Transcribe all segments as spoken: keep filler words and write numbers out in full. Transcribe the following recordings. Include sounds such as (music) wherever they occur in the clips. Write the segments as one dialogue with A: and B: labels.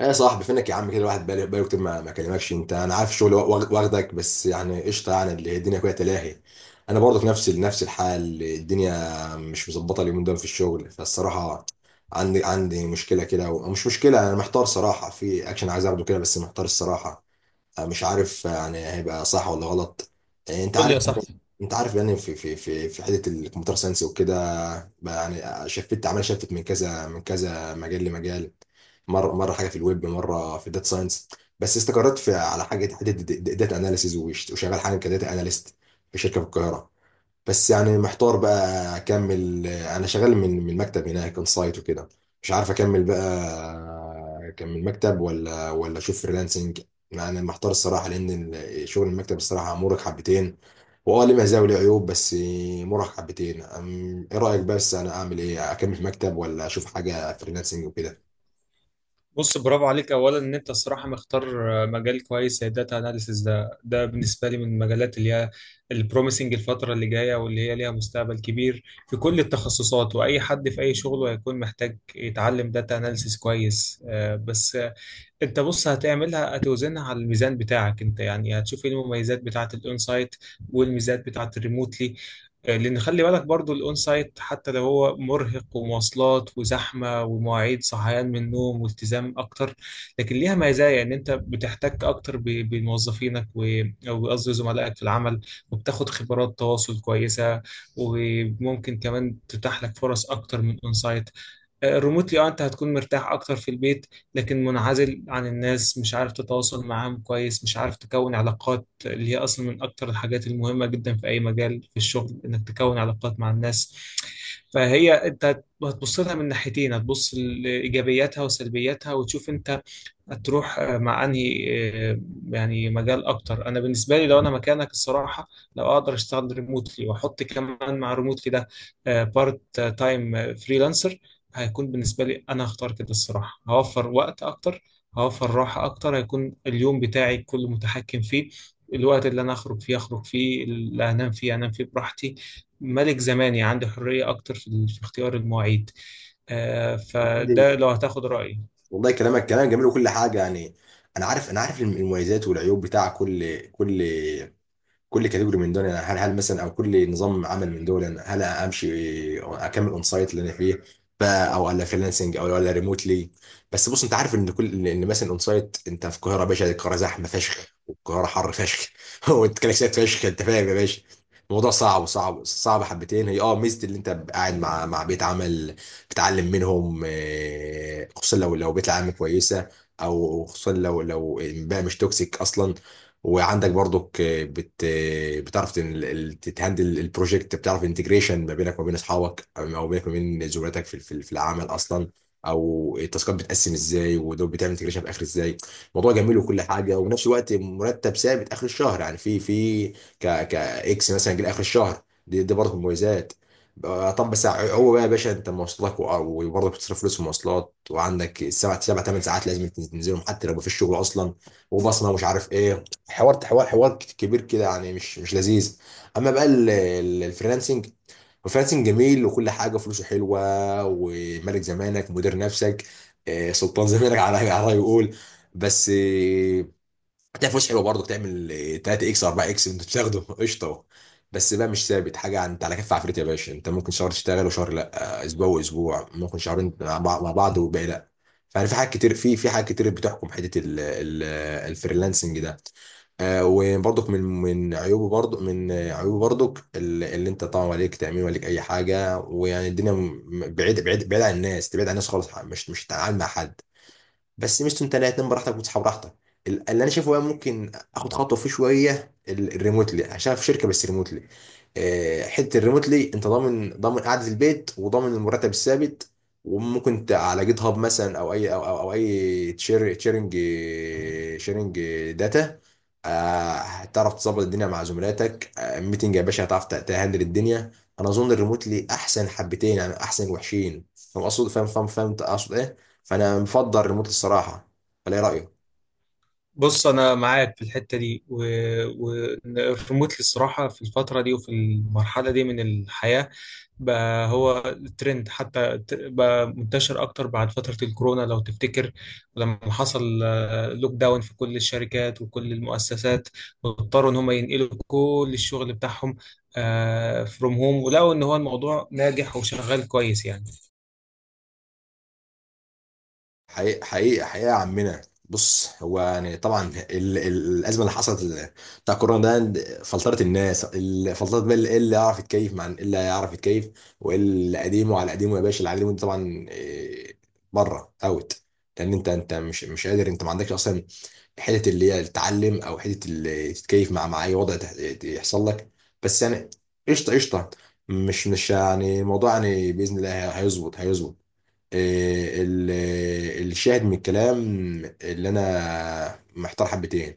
A: ايه يا صاحبي؟ فينك يا عم؟ كده الواحد بقاله بقاله كتير ما ما كلمكش انت. انا عارف الشغل واخ- واخدك، بس يعني قشطه، يعني اللي الدنيا كلها تلاهي. انا برضه في نفس نفس الحال، الدنيا مش مظبطه اليومين دول في الشغل فالصراحه. عندي عندي مشكله كده و- مش مشكله، انا محتار صراحه في اكشن عايز اخده كده، بس محتار الصراحه. مش عارف يعني هيبقى صح ولا غلط. انت
B: قول لي يا
A: عارف
B: صاحبي.
A: انت عارف يعني في في في في حته الكمبيوتر ساينس وكده. بقى يعني شفت، عمال شفت من كذا من كذا مجال لمجال. مره، مره حاجه في الويب، مره في الداتا ساينس. بس استقريت في على حاجه حته داتا اناليسيز، وشغال حاجه كداتا اناليست في شركه في القاهره. بس يعني محتار بقى، اكمل؟ انا شغال من من المكتب هناك اون سايت وكده. مش عارف اكمل بقى، اكمل مكتب ولا ولا اشوف فريلانسنج. يعني محتار الصراحه، لان شغل المكتب الصراحه مرهق حبتين. واه، ليه مزايا وليه عيوب، بس مرهق حبتين. أم- ايه رايك؟ بس انا اعمل ايه؟ اكمل في مكتب ولا اشوف حاجه فريلانسنج وكده؟
B: بص، برافو عليك. اولا ان انت الصراحه مختار مجال كويس زي داتا اناليسيس. ده ده بالنسبه لي من المجالات اللي هي البروميسنج الفتره اللي جايه واللي هي ليها مستقبل كبير في كل التخصصات، واي حد في اي شغل هيكون محتاج يتعلم داتا اناليسيس كويس. آه، بس انت بص هتعملها، هتوزنها على الميزان بتاعك انت، يعني هتشوف ايه المميزات بتاعه الاون سايت والميزات بتاعه الريموتلي. آه، لان خلي بالك برضو الاون سايت حتى لو هو مرهق ومواصلات وزحمه ومواعيد صحيان من النوم والتزام اكتر، لكن ليها مزايا ان انت بتحتك اكتر ب- بموظفينك و- او قصدي زملائك في العمل، وبتاخد خبرات تواصل كويسه، وممكن كمان تتاح لك فرص اكتر من اون سايت. ريموتلي اه انت هتكون مرتاح اكتر في البيت، لكن منعزل عن الناس، مش عارف تتواصل معاهم كويس، مش عارف تكون علاقات اللي هي اصلا من اكتر الحاجات المهمة جدا في اي مجال في الشغل، انك تكون علاقات مع الناس. فهي انت هتبص لها من ناحيتين، هتبص لايجابياتها وسلبياتها وتشوف انت هتروح آه، مع انهي آه، يعني مجال اكتر. انا بالنسبه لي لو انا مكانك الصراحه، لو اقدر اشتغل ريموتلي واحط كمان مع ريموتلي ده بارت تايم فريلانسر، هيكون بالنسبه لي انا هختار كده الصراحه. هوفر وقت اكتر، هوفر راحه اكتر، هيكون اليوم بتاعي كله متحكم فيه. الوقت اللي انا اخرج فيه اخرج فيه، اللي انام فيه انام فيه براحتي، ملك زماني، عندي حريه اكتر في في اختيار المواعيد. آه،
A: والله،
B: فده لو هتاخد رايي.
A: والله كلامك كلام جميل وكل حاجه يعني. انا عارف انا عارف الم- المميزات والعيوب بتاع كل كل كل كاتيجوري من دول يعني. هل هل مثلا، او كل نظام عمل من دول يعني، هل امشي اكمل اون سايت اللي انا فيه بقى، او ولا فريلانسنج او ولا ريموتلي؟ بس بص، انت عارف ان كل ان مثلا اون سايت، انت في القاهره يا باشا، القاهره زحمه فشخ والقاهره حر فشخ. (laughs) والكلاكسات فشخ، انت فاهم يا باشا. الموضوع صعب صعب صعب حبتين. هي اه ميزه اللي انت قاعد مع مع بيت عمل، بتتعلم منهم، آه، خصوصا لو لو بيت العمل كويسه، او خصوصا لو لو، بقى مش توكسيك اصلا. وعندك برضك، بت بتعرف تن- ال- تتهندل البروجكت، بتعرف انتجريشن ما بينك وما بين اصحابك، او بينك وما بين زملاتك في في في العمل اصلا، او التاسكات بتقسم ازاي، ودول بتعمل انتجريشن في اخر ازاي. الموضوع جميل وكل حاجه، وفي نفس الوقت مرتب ثابت اخر الشهر يعني، في في ك ك اكس مثلا جه اخر الشهر. دي, دي برضه مميزات. آه، طب بس هو بقى يا باشا، انت مواصلاتك وع- وبرضه بتصرف فلوس في مواصلات، وعندك السبع سبع ثمان ساعات لازم تنزلهم، حتى لو مفيش شغل اصلا، وبصمه ومش عارف ايه. حوار حوار حوار كبير كده يعني، مش مش لذيذ. اما بقى ال- ال- الفريلانسنج، الفريلانسنج جميل وكل حاجه، فلوسه حلوه، وملك زمانك، مدير نفسك، آه، سلطان (laughs) زمانك، على على يقول. بس هتلاقي فلوس حلوه برضه، تعمل تلات اكس اربع اكس وانت بتاخده (laughs) قشطه. بس بقى مش ثابت حاجه، انت على كف عفريت يا باشا، انت ممكن شهر تشتغل وشهر لا، اسبوع واسبوع، ممكن شهرين مع بعض، مع بعض والباقي لا. فيعني في حاجات كتير، في في حاجات كتير بتحكم حته ال- ال- الفريلانسنج ده. آه، وبرضك من من عيوبه، برضه من آه، عيوبه برضك ال- اللي انت طبعا عليك تامين، عليك اي حاجه، ويعني الدنيا، م- بعيد بعيد بعيد عن الناس، تبعد عن الناس خالص، مش مش هتتعامل مع حد. بس ميزته، انت لا، تنام براحتك وتصحى براحتك. ال- اللي انا شايفه بقى، ممكن اخد خطوه فيه شويه ال- الريموتلي، عشان في شركه بس ريموتلي. آه، حته الريموتلي، انت ضامن ضامن قعده البيت، وضامن المرتب الثابت. وممكن انت على جيت هاب مثلا، او اي او او, أو اي تشير تشيرنج، شيرنج داتا. آه، هتعرف تظبط الدنيا مع زملاتك، آه، ميتنج يا باشا، هتعرف ت- تهندل الدنيا. انا اظن الريموتلي احسن حبتين يعني، احسن وحشين. فاهم اقصد، فاهم فاهم فاهم أنت اقصد ايه. فانا مفضل ريموت الصراحه، ولا ايه رايك؟
B: بص انا معاك في الحته دي، والريموتلي الصراحه في الفتره دي وفي المرحله دي من الحياه بقى هو ترند، حتى ت- بقى منتشر اكتر بعد فتره الكورونا لو تفتكر لما حصل لوك داون في كل الشركات وكل المؤسسات، واضطروا ان هم ينقلوا كل الشغل بتاعهم فروم هوم، ولقوا ان هو الموضوع ناجح وشغال كويس يعني.
A: حقيقة حقيقة حقيقة يا عمنا. بص، هو يعني طبعا، ال ال الأزمة اللي حصلت، ال- بتاع كورونا ده فلترت الناس، ال- فلترت بقى اللي اللي يعرف يتكيف مع اللي يعرف يتكيف. واللي قديمه على قديمه يا باشا، اللي على قديمه ده طبعا إيه، بره، اوت. لأن أنت أنت مش مش قادر، أنت ما عندكش أصلا حتة اللي هي تتعلم، أو حتة اللي تتكيف مع مع أي وضع تح- يحصل لك. بس يعني قشطة قشطة. مش مش يعني الموضوع، يعني بإذن الله هيظبط هيظبط. إيه ال- الشاهد من الكلام، اللي انا محتار حبتين.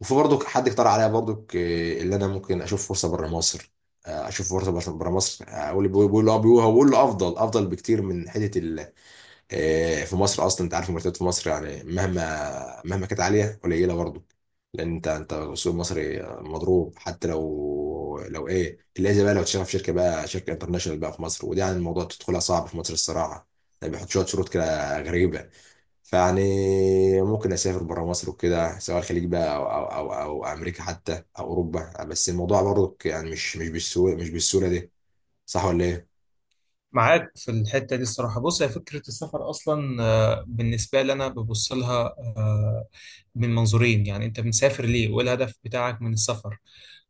A: وفي برضك حد اقترح عليا برضك، إيه، اللي انا ممكن اشوف فرصه بره مصر. آه، اشوف فرصه بره بره مصر، آه، اقول، بيقول له، بيقول هو بيقول له افضل افضل بكتير من حته، آه، في مصر اصلا. انت عارف المرتبات في مصر يعني، مهما مهما كانت عاليه قليله برضه، لان انت انت السوق المصري مضروب. حتى لو لو ايه اللي زي بقى، لو تشتغل في شركه بقى، شركه انترناشونال بقى في مصر، وده يعني الموضوع تدخلها صعب في مصر الصراحه، يعني بيحط شويه شروط كده غريبه. فيعني ممكن اسافر بره مصر وكده، سواء الخليج بقى، او او او, أو امريكا حتى، او اوروبا، بس الموضوع برضه يعني مش مش بالسهوله، مش بالسهوله دي. صح ولا ايه؟
B: معاك في الحتة دي الصراحة. بص، هي فكرة السفر أصلا آه، بالنسبة لي أنا ببص لها آه، من منظورين. يعني أنت مسافر ليه وإيه الهدف بتاعك من السفر؟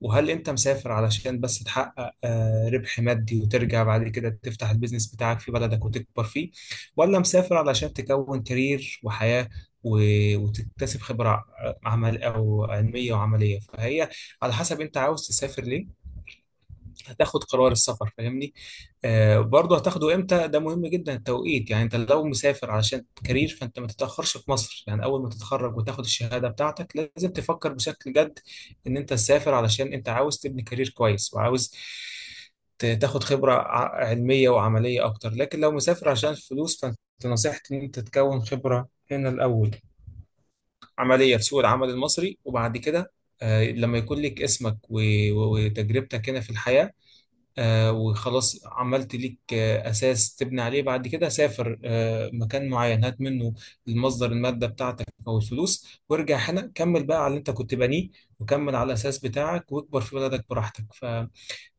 B: وهل أنت مسافر علشان بس تحقق آه، ربح مادي وترجع بعد كده تفتح البيزنس بتاعك في بلدك وتكبر فيه، ولا مسافر علشان تكون كارير وحياة و- وتكتسب خبرة ع- عمل أو علمية وعملية. فهي على حسب أنت عاوز تسافر ليه، هتاخد قرار السفر. فاهمني؟ آه، برضه هتاخده امتى، ده مهم جدا التوقيت. يعني انت لو مسافر علشان كارير فانت ما تتاخرش في مصر، يعني اول ما تتخرج وتاخد الشهاده بتاعتك لازم تفكر بشكل جد ان انت تسافر، علشان انت عاوز تبني كارير كويس وعاوز ت- تاخد خبره ع- علميه وعمليه اكتر. لكن لو مسافر عشان فلوس فانت نصيحتي ان انت تكون خبره هنا الاول، عمليه في سوق العمل المصري، وبعد كده آه، لما يكون لك اسمك و- و- وتجربتك هنا في الحياه، آه، وخلاص عملت ليك آه، أساس تبني عليه، بعد كده سافر آه، مكان معين هات منه المصدر، المادة بتاعتك أو الفلوس، وارجع هنا كمل بقى على اللي أنت كنت بانيه، وكمل على الأساس بتاعك واكبر في بلدك براحتك.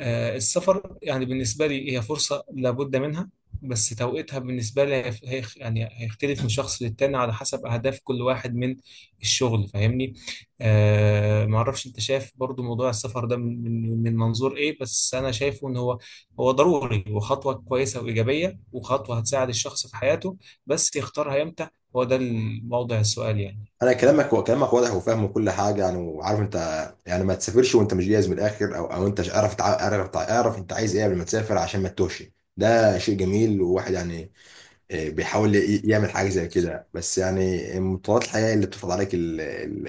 B: آه، السفر يعني بالنسبة لي هي فرصة لابد منها، بس توقيتها بالنسبة لي هي هي- يعني هيختلف من شخص للتاني على حسب أهداف كل واحد من الشغل. فاهمني؟ آه، معرفش أنت شايف برضو موضوع السفر ده من من من منظور إيه، بس أنا شايفه إن هو هو ضروري وخطوة كويسة وإيجابية وخطوة هتساعد الشخص في حياته، بس يختارها إمتى، هو ده الموضع السؤال يعني.
A: انا كلامك كلامك واضح، وفاهم كل حاجه يعني، وعارف انت يعني ما تسافرش وانت مش جاهز من الاخر. او او انت مش- اعرف تع- اعرف تع- اعرف انت عايز ايه قبل ما تسافر، عشان ما تتوهش. ده شيء جميل، وواحد يعني إيه، بيحاول ي- يعمل حاجة زي كده، بس يعني متطلبات الحياة اللي بتفرض عليك، ال ال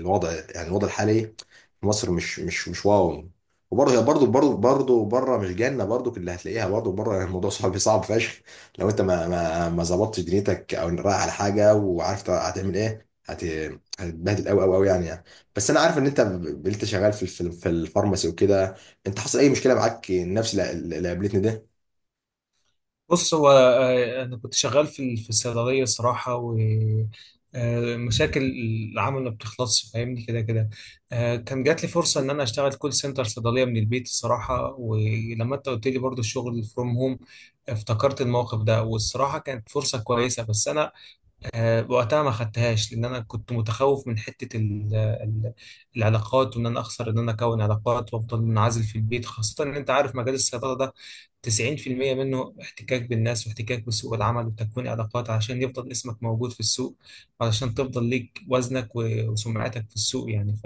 A: الوضع يعني، الوضع الحالي في مصر مش مش مش واو. وبرضه هي برضه برضه برضه بره مش جنة، برضه اللي هتلاقيها برضه بره. (laughs) يعني الموضوع صعب صعب فشخ، لو انت ما ما ما ظبطتش دنيتك، او رايح على حاجة وعارف هتعمل ايه. هت هتتبهدل قوي قوي قوي يعني يعني بس انا عارف ان انت، ب- انت شغال في الف- في الفارماسي وكده. انت حصل اي مشكلة معاك نفس اللي اللي قابلتني ده؟
B: بص هو آه، انا كنت شغال في ال- في الصيدليه صراحه، و آه، مشاكل العمل ما بتخلصش. فاهمني؟ كده كده آه، كان جات لي فرصه ان انا اشتغل كول سنتر صيدليه من البيت الصراحه، ولما انت قلت لي برضو الشغل فروم هوم افتكرت الموقف ده، والصراحه كانت فرصه كويسه، بس انا آه، وقتها ما خدتهاش لان انا كنت متخوف من حته ال- ال- العلاقات، وان انا اخسر ان انا اكون علاقات وافضل منعزل في البيت، خاصه ان انت عارف مجال الصيدله ده تسعين في المية منه احتكاك بالناس واحتكاك بسوق العمل وتكوين علاقات عشان يفضل اسمك موجود في السوق، علشان تفضل ليك وزنك و- وسمعتك في السوق يعني.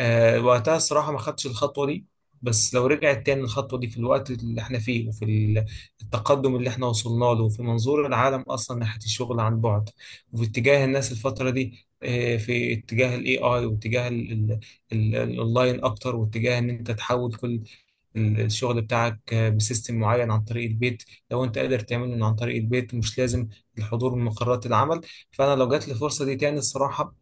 B: آه، وقتها الصراحة ما خدتش الخطوة دي. بس لو رجعت تاني الخطوة دي في الوقت اللي احنا فيه وفي ال- التقدم اللي احنا وصلنا له، وفي منظور العالم أصلا ناحية الشغل عن بعد، وفي اتجاه الناس الفترة دي آه، في اتجاه الاي اي، واتجاه ال- ال- ال- الاونلاين اكتر، واتجاه ان انت تحول كل ال- الشغل بتاعك بسيستم معين عن طريق البيت. لو انت قادر تعمله من عن طريق البيت مش لازم الحضور من مقرات العمل. فانا لو جات لي الفرصه دي تاني الصراحه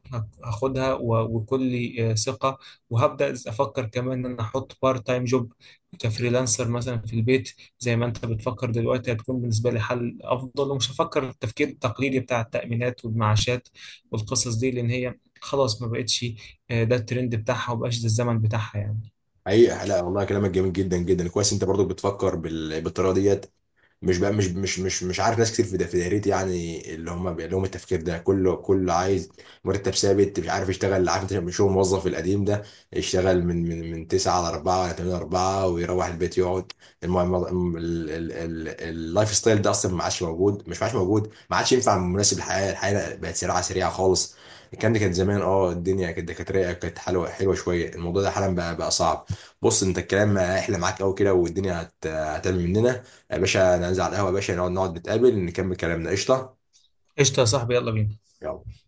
B: هاخدها و- وكل آه، ثقه، وهبدا افكر كمان ان انا احط بارت تايم جوب كفريلانسر مثلا في البيت زي ما انت بتفكر دلوقتي، هتكون بالنسبه لي حل افضل، ومش هفكر التفكير التقليدي بتاع التامينات والمعاشات والقصص دي، لان هي خلاص ما بقتش، آه، ده الترند بتاعها، وما بقاش ده الزمن بتاعها يعني.
A: حقيقة لا والله، كلامك جميل جدا جدا، كويس انت برضو بتفكر بال... بالطريقة ديت. مش بقى مش مش مش مش عارف، ناس كتير في دا- في دايرتي يعني اللي هم بيبقى لهم التفكير ده، كله كله عايز مرتب ثابت، مش عارف يشتغل، عارف انت، مش هو الموظف القديم ده يشتغل من من من تسعة على اربعة ولا تمانيه على اربعة ويروح البيت يقعد. المهم ال- ال- ال- اللايف ستايل ده اصلا ما عادش موجود، مش ما عادش موجود ما عادش ينفع مناسب للحياه. الحياه بقت سريعه سريعه خالص. كان كانت زمان، اه الدنيا كانت دكاتره، كانت حلوه حلوه شويه، الموضوع ده حالا بقى بقى صعب. بص انت، الكلام احلى معاك قوي كده، والدنيا هت- هتعمل مننا يا باشا. ننزل على القهوة يا باشا، نقعد نقعد نتقابل، نكمل كلامنا قشطة.
B: قشطه يا صاحبي، يلا بينا.
A: يلا.